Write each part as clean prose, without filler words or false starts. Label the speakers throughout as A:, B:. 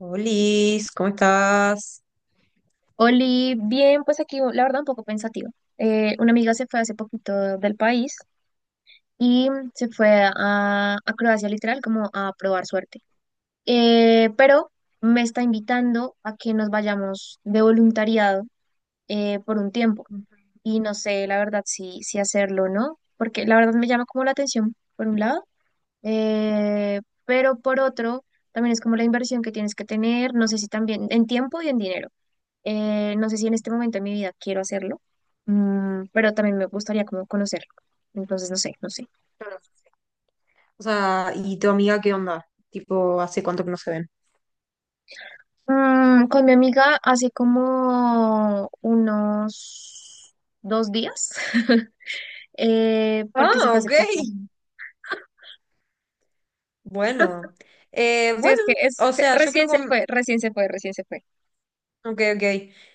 A: Liz, ¿cómo estás?
B: Oli, bien, pues aquí la verdad un poco pensativa. Una amiga se fue hace poquito del país y se fue a Croacia literal como a probar suerte. Pero me está invitando a que nos vayamos de voluntariado por un tiempo y no sé la verdad si hacerlo o no, porque la verdad me llama como la atención por un lado, eh, pero por otro también es como la inversión que tienes que tener, no sé si también en tiempo y en dinero. No sé si en este momento de mi vida quiero hacerlo, pero también me gustaría como conocerlo. Entonces, no sé, no sé.
A: Claro. O sea, ¿y tu amiga qué onda? Tipo, ¿hace cuánto que no se ven?
B: Con mi amiga hace como unos 2 días, porque se
A: Ah,
B: fue hace
A: ok.
B: poco.
A: Bueno,
B: Sí,
A: bueno,
B: es que
A: o sea, yo creo
B: recién se
A: con...
B: fue, recién se fue, recién se fue.
A: Ok, ok.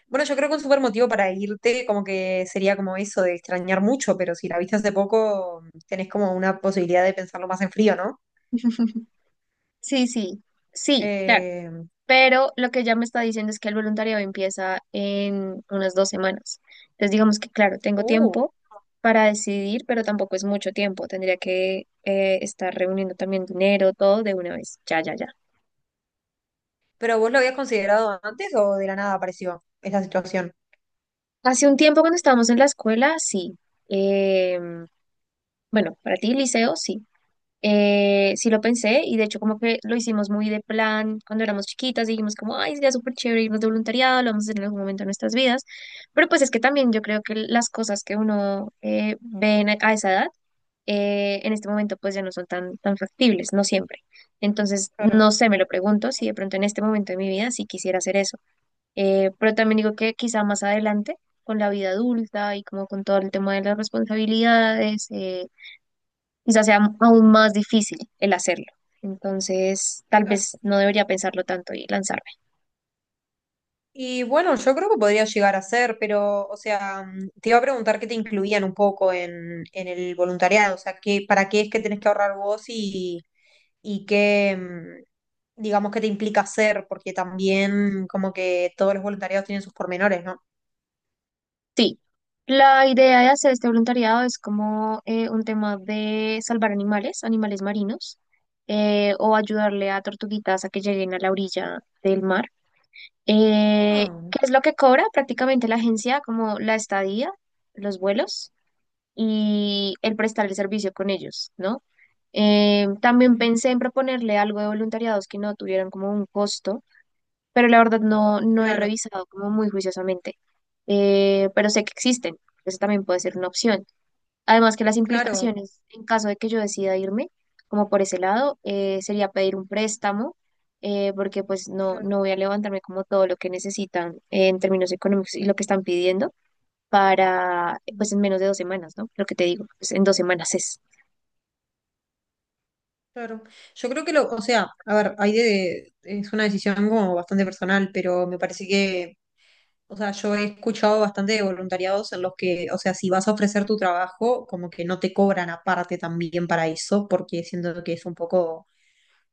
A: Bueno, yo creo que un súper motivo para irte como que sería como eso de extrañar mucho, pero si la viste hace poco, tenés como una posibilidad de pensarlo más en frío, ¿no?
B: Sí, sí, sí, claro.
A: Eh,
B: Pero lo que ella me está diciendo es que el voluntariado empieza en unas 2 semanas. Entonces, digamos que, claro, tengo
A: uh,
B: tiempo para decidir, pero tampoco es mucho tiempo. Tendría que estar reuniendo también dinero, todo de una vez. Ya, ya, ya.
A: ¿Pero vos lo habías considerado antes o de la nada apareció esta situación?
B: Hace un tiempo cuando estábamos en la escuela, sí. Em, bueno, para ti, liceo, sí. Sí lo pensé y de hecho como que lo hicimos muy de plan cuando éramos chiquitas, dijimos como, ay, sería súper chévere irnos de voluntariado, lo vamos a hacer en algún momento de nuestras vidas, pero pues es que también yo creo que las cosas que uno ve a esa edad, en este momento pues ya no son tan factibles, no siempre. Entonces,
A: Claro,
B: no sé, me lo pregunto si de pronto en este momento de mi vida sí quisiera hacer eso. Pero también digo que quizá más adelante, con la vida adulta y como con todo el tema de las responsabilidades, quizás sea aún más difícil el hacerlo. Entonces, tal
A: claro.
B: vez no debería pensarlo tanto y lanzarme.
A: Y bueno, yo creo que podría llegar a ser, pero, o sea, mm, te iba a preguntar qué te incluían un poco en el voluntariado, o sea, qué, para qué es que tenés que ahorrar vos y qué, mm, digamos, qué te implica hacer, porque también como que todos los voluntariados tienen sus pormenores, ¿no?
B: Sí, la idea de hacer este voluntariado es como un tema de salvar animales, animales marinos, o ayudarle a tortuguitas a que lleguen a la orilla del mar.
A: Ah,
B: ¿Qué es lo que cobra prácticamente la agencia? Como la estadía, los vuelos y el prestarle servicio con ellos, ¿no? También
A: ok.
B: pensé en proponerle algo de voluntariados que no tuvieran como un costo, pero la verdad no, no he
A: Claro,
B: revisado como muy juiciosamente. Pero sé que existen, eso también puede ser una opción. Además que las
A: claro,
B: implicaciones en caso de que yo decida irme, como por ese lado, sería pedir un préstamo, porque pues no,
A: claro,
B: no voy a levantarme como todo lo que necesitan en términos económicos y lo que están pidiendo para,
A: mm,
B: pues en menos de 2 semanas, ¿no? Lo que te digo, pues en 2 semanas es.
A: claro. Yo creo que lo, o sea, a ver, hay de, es una decisión como bastante personal, pero me parece que o sea, yo he escuchado bastante de voluntariados en los que, o sea, si vas a ofrecer tu trabajo, como que no te cobran aparte también para eso, porque siento que es un poco,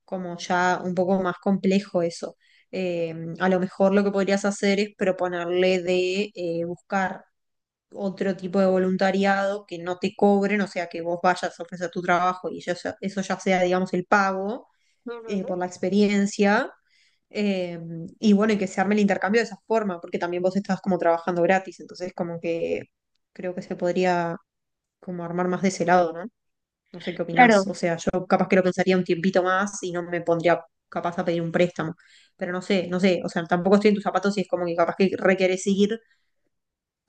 A: como ya un poco más complejo eso. Eh, a lo mejor lo que podrías hacer es proponerle de buscar otro tipo de voluntariado que no te cobren, o sea, que vos vayas a ofrecer tu trabajo y eso ya sea, digamos, el pago por
B: Ujú.
A: la experiencia. eh, y bueno, y que se arme el intercambio de esa forma, porque también vos estás como trabajando gratis, entonces como que creo que se podría como armar más de ese lado, ¿no? No sé qué
B: Claro,
A: opinás. O sea, yo capaz que lo pensaría un tiempito más y no me pondría capaz a pedir un préstamo. Pero no sé, no sé. O sea, tampoco estoy en tus zapatos y es como que capaz que requerés ir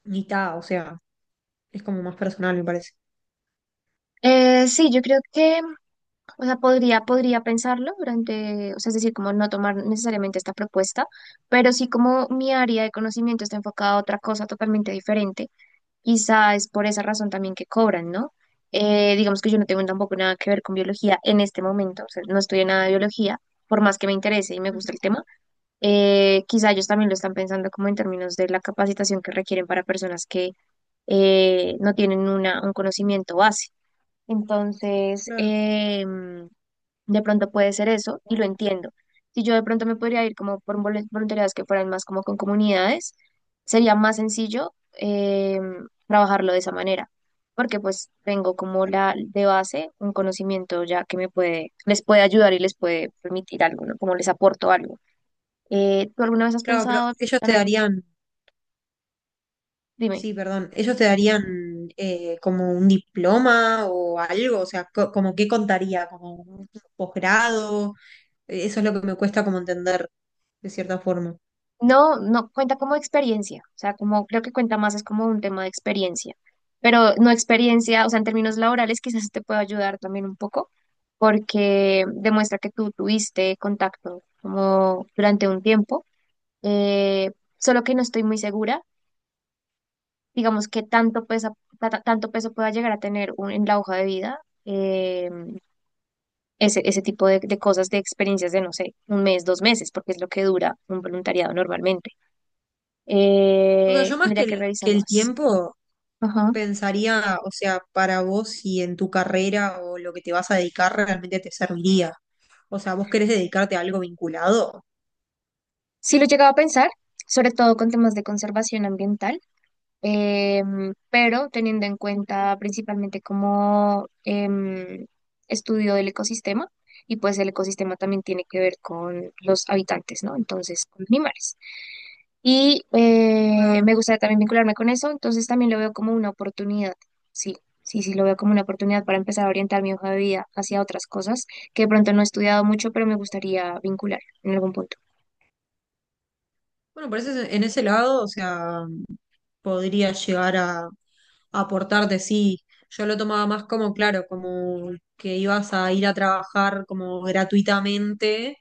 A: ni ta. O sea, es como más personal, me parece.
B: sí, yo creo que, o sea, podría pensarlo durante, o sea, es decir, como no tomar necesariamente esta propuesta, pero sí como mi área de conocimiento está enfocada a otra cosa totalmente diferente, quizá es por esa razón también que cobran, ¿no? Digamos que yo no tengo tampoco nada que ver con biología en este momento, o sea, no estudié nada de biología, por más que me interese y me
A: Ujú,
B: gusta el tema. Quizá ellos también lo están pensando como en términos de la capacitación que requieren para personas que no tienen un conocimiento base. Entonces,
A: claro,
B: de pronto puede ser eso y lo entiendo. Si yo de pronto me podría ir como por voluntariados que fueran más como con comunidades, sería más sencillo eh, trabajarlo de esa manera, porque pues tengo como la de base un conocimiento ya que me puede, les puede ayudar y les puede permitir algo, ¿no? Como les aporto algo. ¿Tú alguna vez has
A: claro, pero
B: pensado
A: ellos te
B: también,
A: darían,
B: dime,
A: sí, perdón. ¿Ellos te darían como un diploma o algo? O sea, co- ¿como qué contaría? ¿Como un posgrado? Eso es lo que me cuesta como entender, de cierta forma.
B: no, no cuenta como experiencia, o sea, como creo que cuenta más es como un tema de experiencia, pero no experiencia, o sea, en términos laborales quizás sí te pueda ayudar también un poco, porque demuestra que tú tuviste contacto como durante un tiempo, eh, solo que no estoy muy segura, digamos que tanto peso pueda llegar a tener en la hoja de vida. eh, Ese, ese tipo de cosas, de experiencias de, no sé, 1 mes, 2 meses, porque es lo que dura un voluntariado normalmente.
A: O sea, yo más que
B: Tendría que revisar
A: que el
B: más.
A: tiempo
B: Ajá.
A: pensaría, o sea, para vos si en tu carrera o lo que te vas a dedicar realmente te serviría. O sea, ¿vos querés dedicarte a algo vinculado?
B: Sí lo llegaba a pensar, sobre todo con temas de conservación ambiental, pero teniendo en cuenta principalmente como estudio del ecosistema, y pues el ecosistema también tiene que ver con los habitantes, ¿no? Entonces, con animales. Y
A: Ah,
B: me gustaría también vincularme con eso, entonces también lo veo como una oportunidad, sí, sí, sí, lo veo como una oportunidad para empezar a orientar mi hoja de vida hacia otras cosas que de pronto no he estudiado mucho, pero me gustaría vincular en algún punto.
A: bueno, por eso en ese lado, o sea, podría llegar a aportar de sí. Yo lo tomaba más como, claro, como que ibas a ir a trabajar como gratuitamente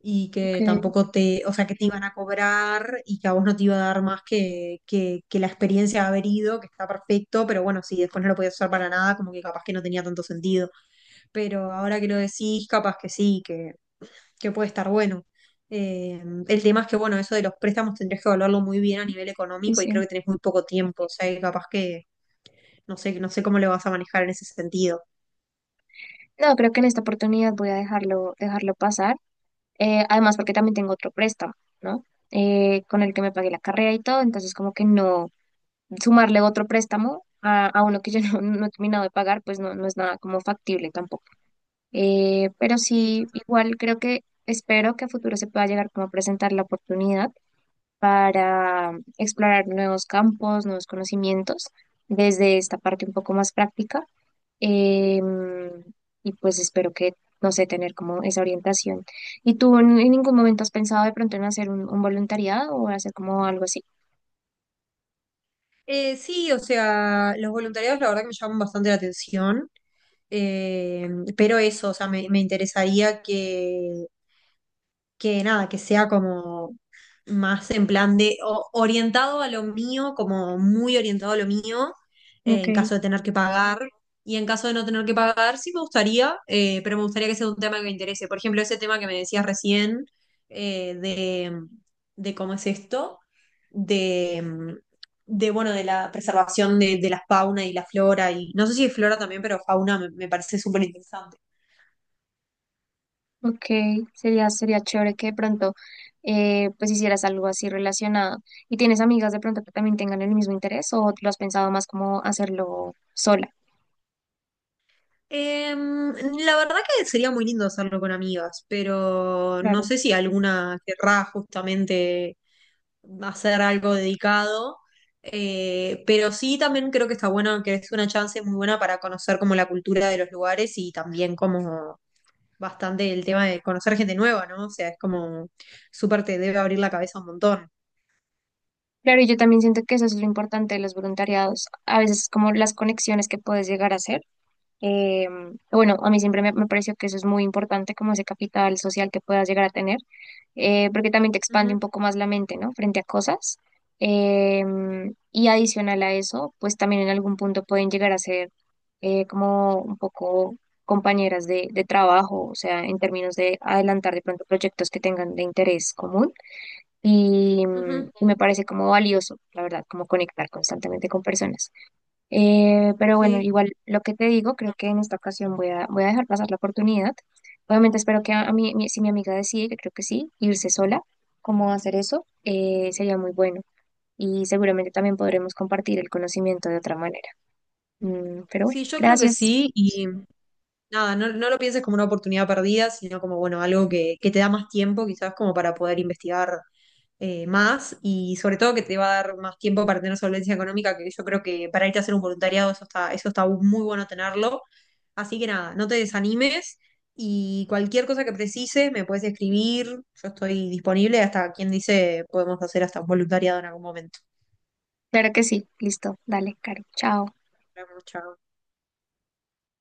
A: y
B: Ok,
A: que tampoco te, o sea, que te iban a cobrar y que a vos no te iba a dar más que la experiencia de haber ido, que está perfecto, pero bueno, sí, después no lo podías usar para nada, como que capaz que no tenía tanto sentido. Pero ahora que lo decís, capaz que sí, que puede estar bueno. Eh, el tema es que, bueno, eso de los préstamos tendrías que evaluarlo muy bien a nivel
B: sí,
A: económico y creo
B: sí.
A: que tenés muy poco tiempo, o sea, que capaz que no sé, no sé cómo lo vas a manejar en ese sentido.
B: No, creo que en esta oportunidad voy a dejarlo, dejarlo pasar. Además, porque también tengo otro préstamo, ¿no? Con el que me pagué la carrera y todo, entonces como que no sumarle otro préstamo a uno que yo no, no he terminado de pagar, pues no, no es nada como factible tampoco. Pero
A: Sí,
B: sí,
A: total.
B: igual creo que espero que a futuro se pueda llegar como a presentar la oportunidad para explorar nuevos campos, nuevos conocimientos desde esta parte un poco más práctica. Em, y pues espero que, no sé, tener como esa orientación. ¿Y tú en ningún momento has pensado de pronto en hacer un voluntariado o hacer como algo así?
A: Sí, o sea, los voluntariados la verdad que me llaman bastante la atención, eh, pero eso, o sea, me interesaría que nada, que sea como más en plan de o- orientado a lo mío, como muy orientado a lo mío,
B: Ok,
A: en caso de tener que pagar. Y en caso de no tener que pagar, sí me gustaría, pero me gustaría que sea un tema que me interese. Por ejemplo, ese tema que me decías recién, eh, de, de cómo es esto, de, mm, de, bueno, de la preservación de la fauna y la flora, y no sé si es flora también, pero fauna me parece súper interesante.
B: ok, sería, sería chévere que de pronto pues hicieras algo así relacionado. ¿Y tienes amigas de pronto que también tengan el mismo interés o lo has pensado más como hacerlo sola?
A: Em, la verdad que sería muy lindo hacerlo con amigas, pero no
B: Claro.
A: sé si alguna querrá justamente hacer algo dedicado. Pero sí, también creo que está bueno, que es una chance muy buena para conocer como la cultura de los lugares y también como bastante el tema de conocer gente nueva, ¿no? O sea, es como súper te debe abrir la cabeza un montón.
B: Claro, y yo también siento que eso es lo importante de los voluntariados, a veces como las conexiones que puedes llegar a hacer. Eh, bueno, a mí siempre me, me pareció que eso es muy importante, como ese capital social que puedas llegar a tener, porque también te expande
A: Ujú,
B: un poco más la mente, ¿no? Frente a cosas. Eh, y adicional a eso, pues también en algún punto pueden llegar a ser como un poco compañeras de trabajo, o sea, en términos de adelantar de pronto proyectos que tengan de interés común. Y,
A: ujú.
B: y me parece como valioso, la verdad, como conectar constantemente con personas. Pero bueno,
A: Sí,
B: igual lo que te digo, creo que en esta ocasión voy voy a dejar pasar la oportunidad. Obviamente espero que si mi amiga decide, que creo que sí, irse sola, cómo hacer eso, sería muy bueno. Y seguramente también podremos compartir el conocimiento de otra manera. Mm, pero bueno,
A: sí, yo creo que
B: gracias.
A: sí. Nada, no, no lo pienses como una oportunidad perdida, sino como, bueno, algo que te da más tiempo quizás como para poder investigar más y sobre todo que te va a dar más tiempo para tener solvencia económica, que yo creo que para irte a hacer un voluntariado eso está muy bueno tenerlo. Así que nada, no te desanimes y cualquier cosa que precises me puedes escribir, yo estoy disponible, hasta quien dice podemos hacer hasta un voluntariado en algún momento.
B: Claro que sí. Listo. Dale, Caro. Chao.
A: Nos vemos, chao.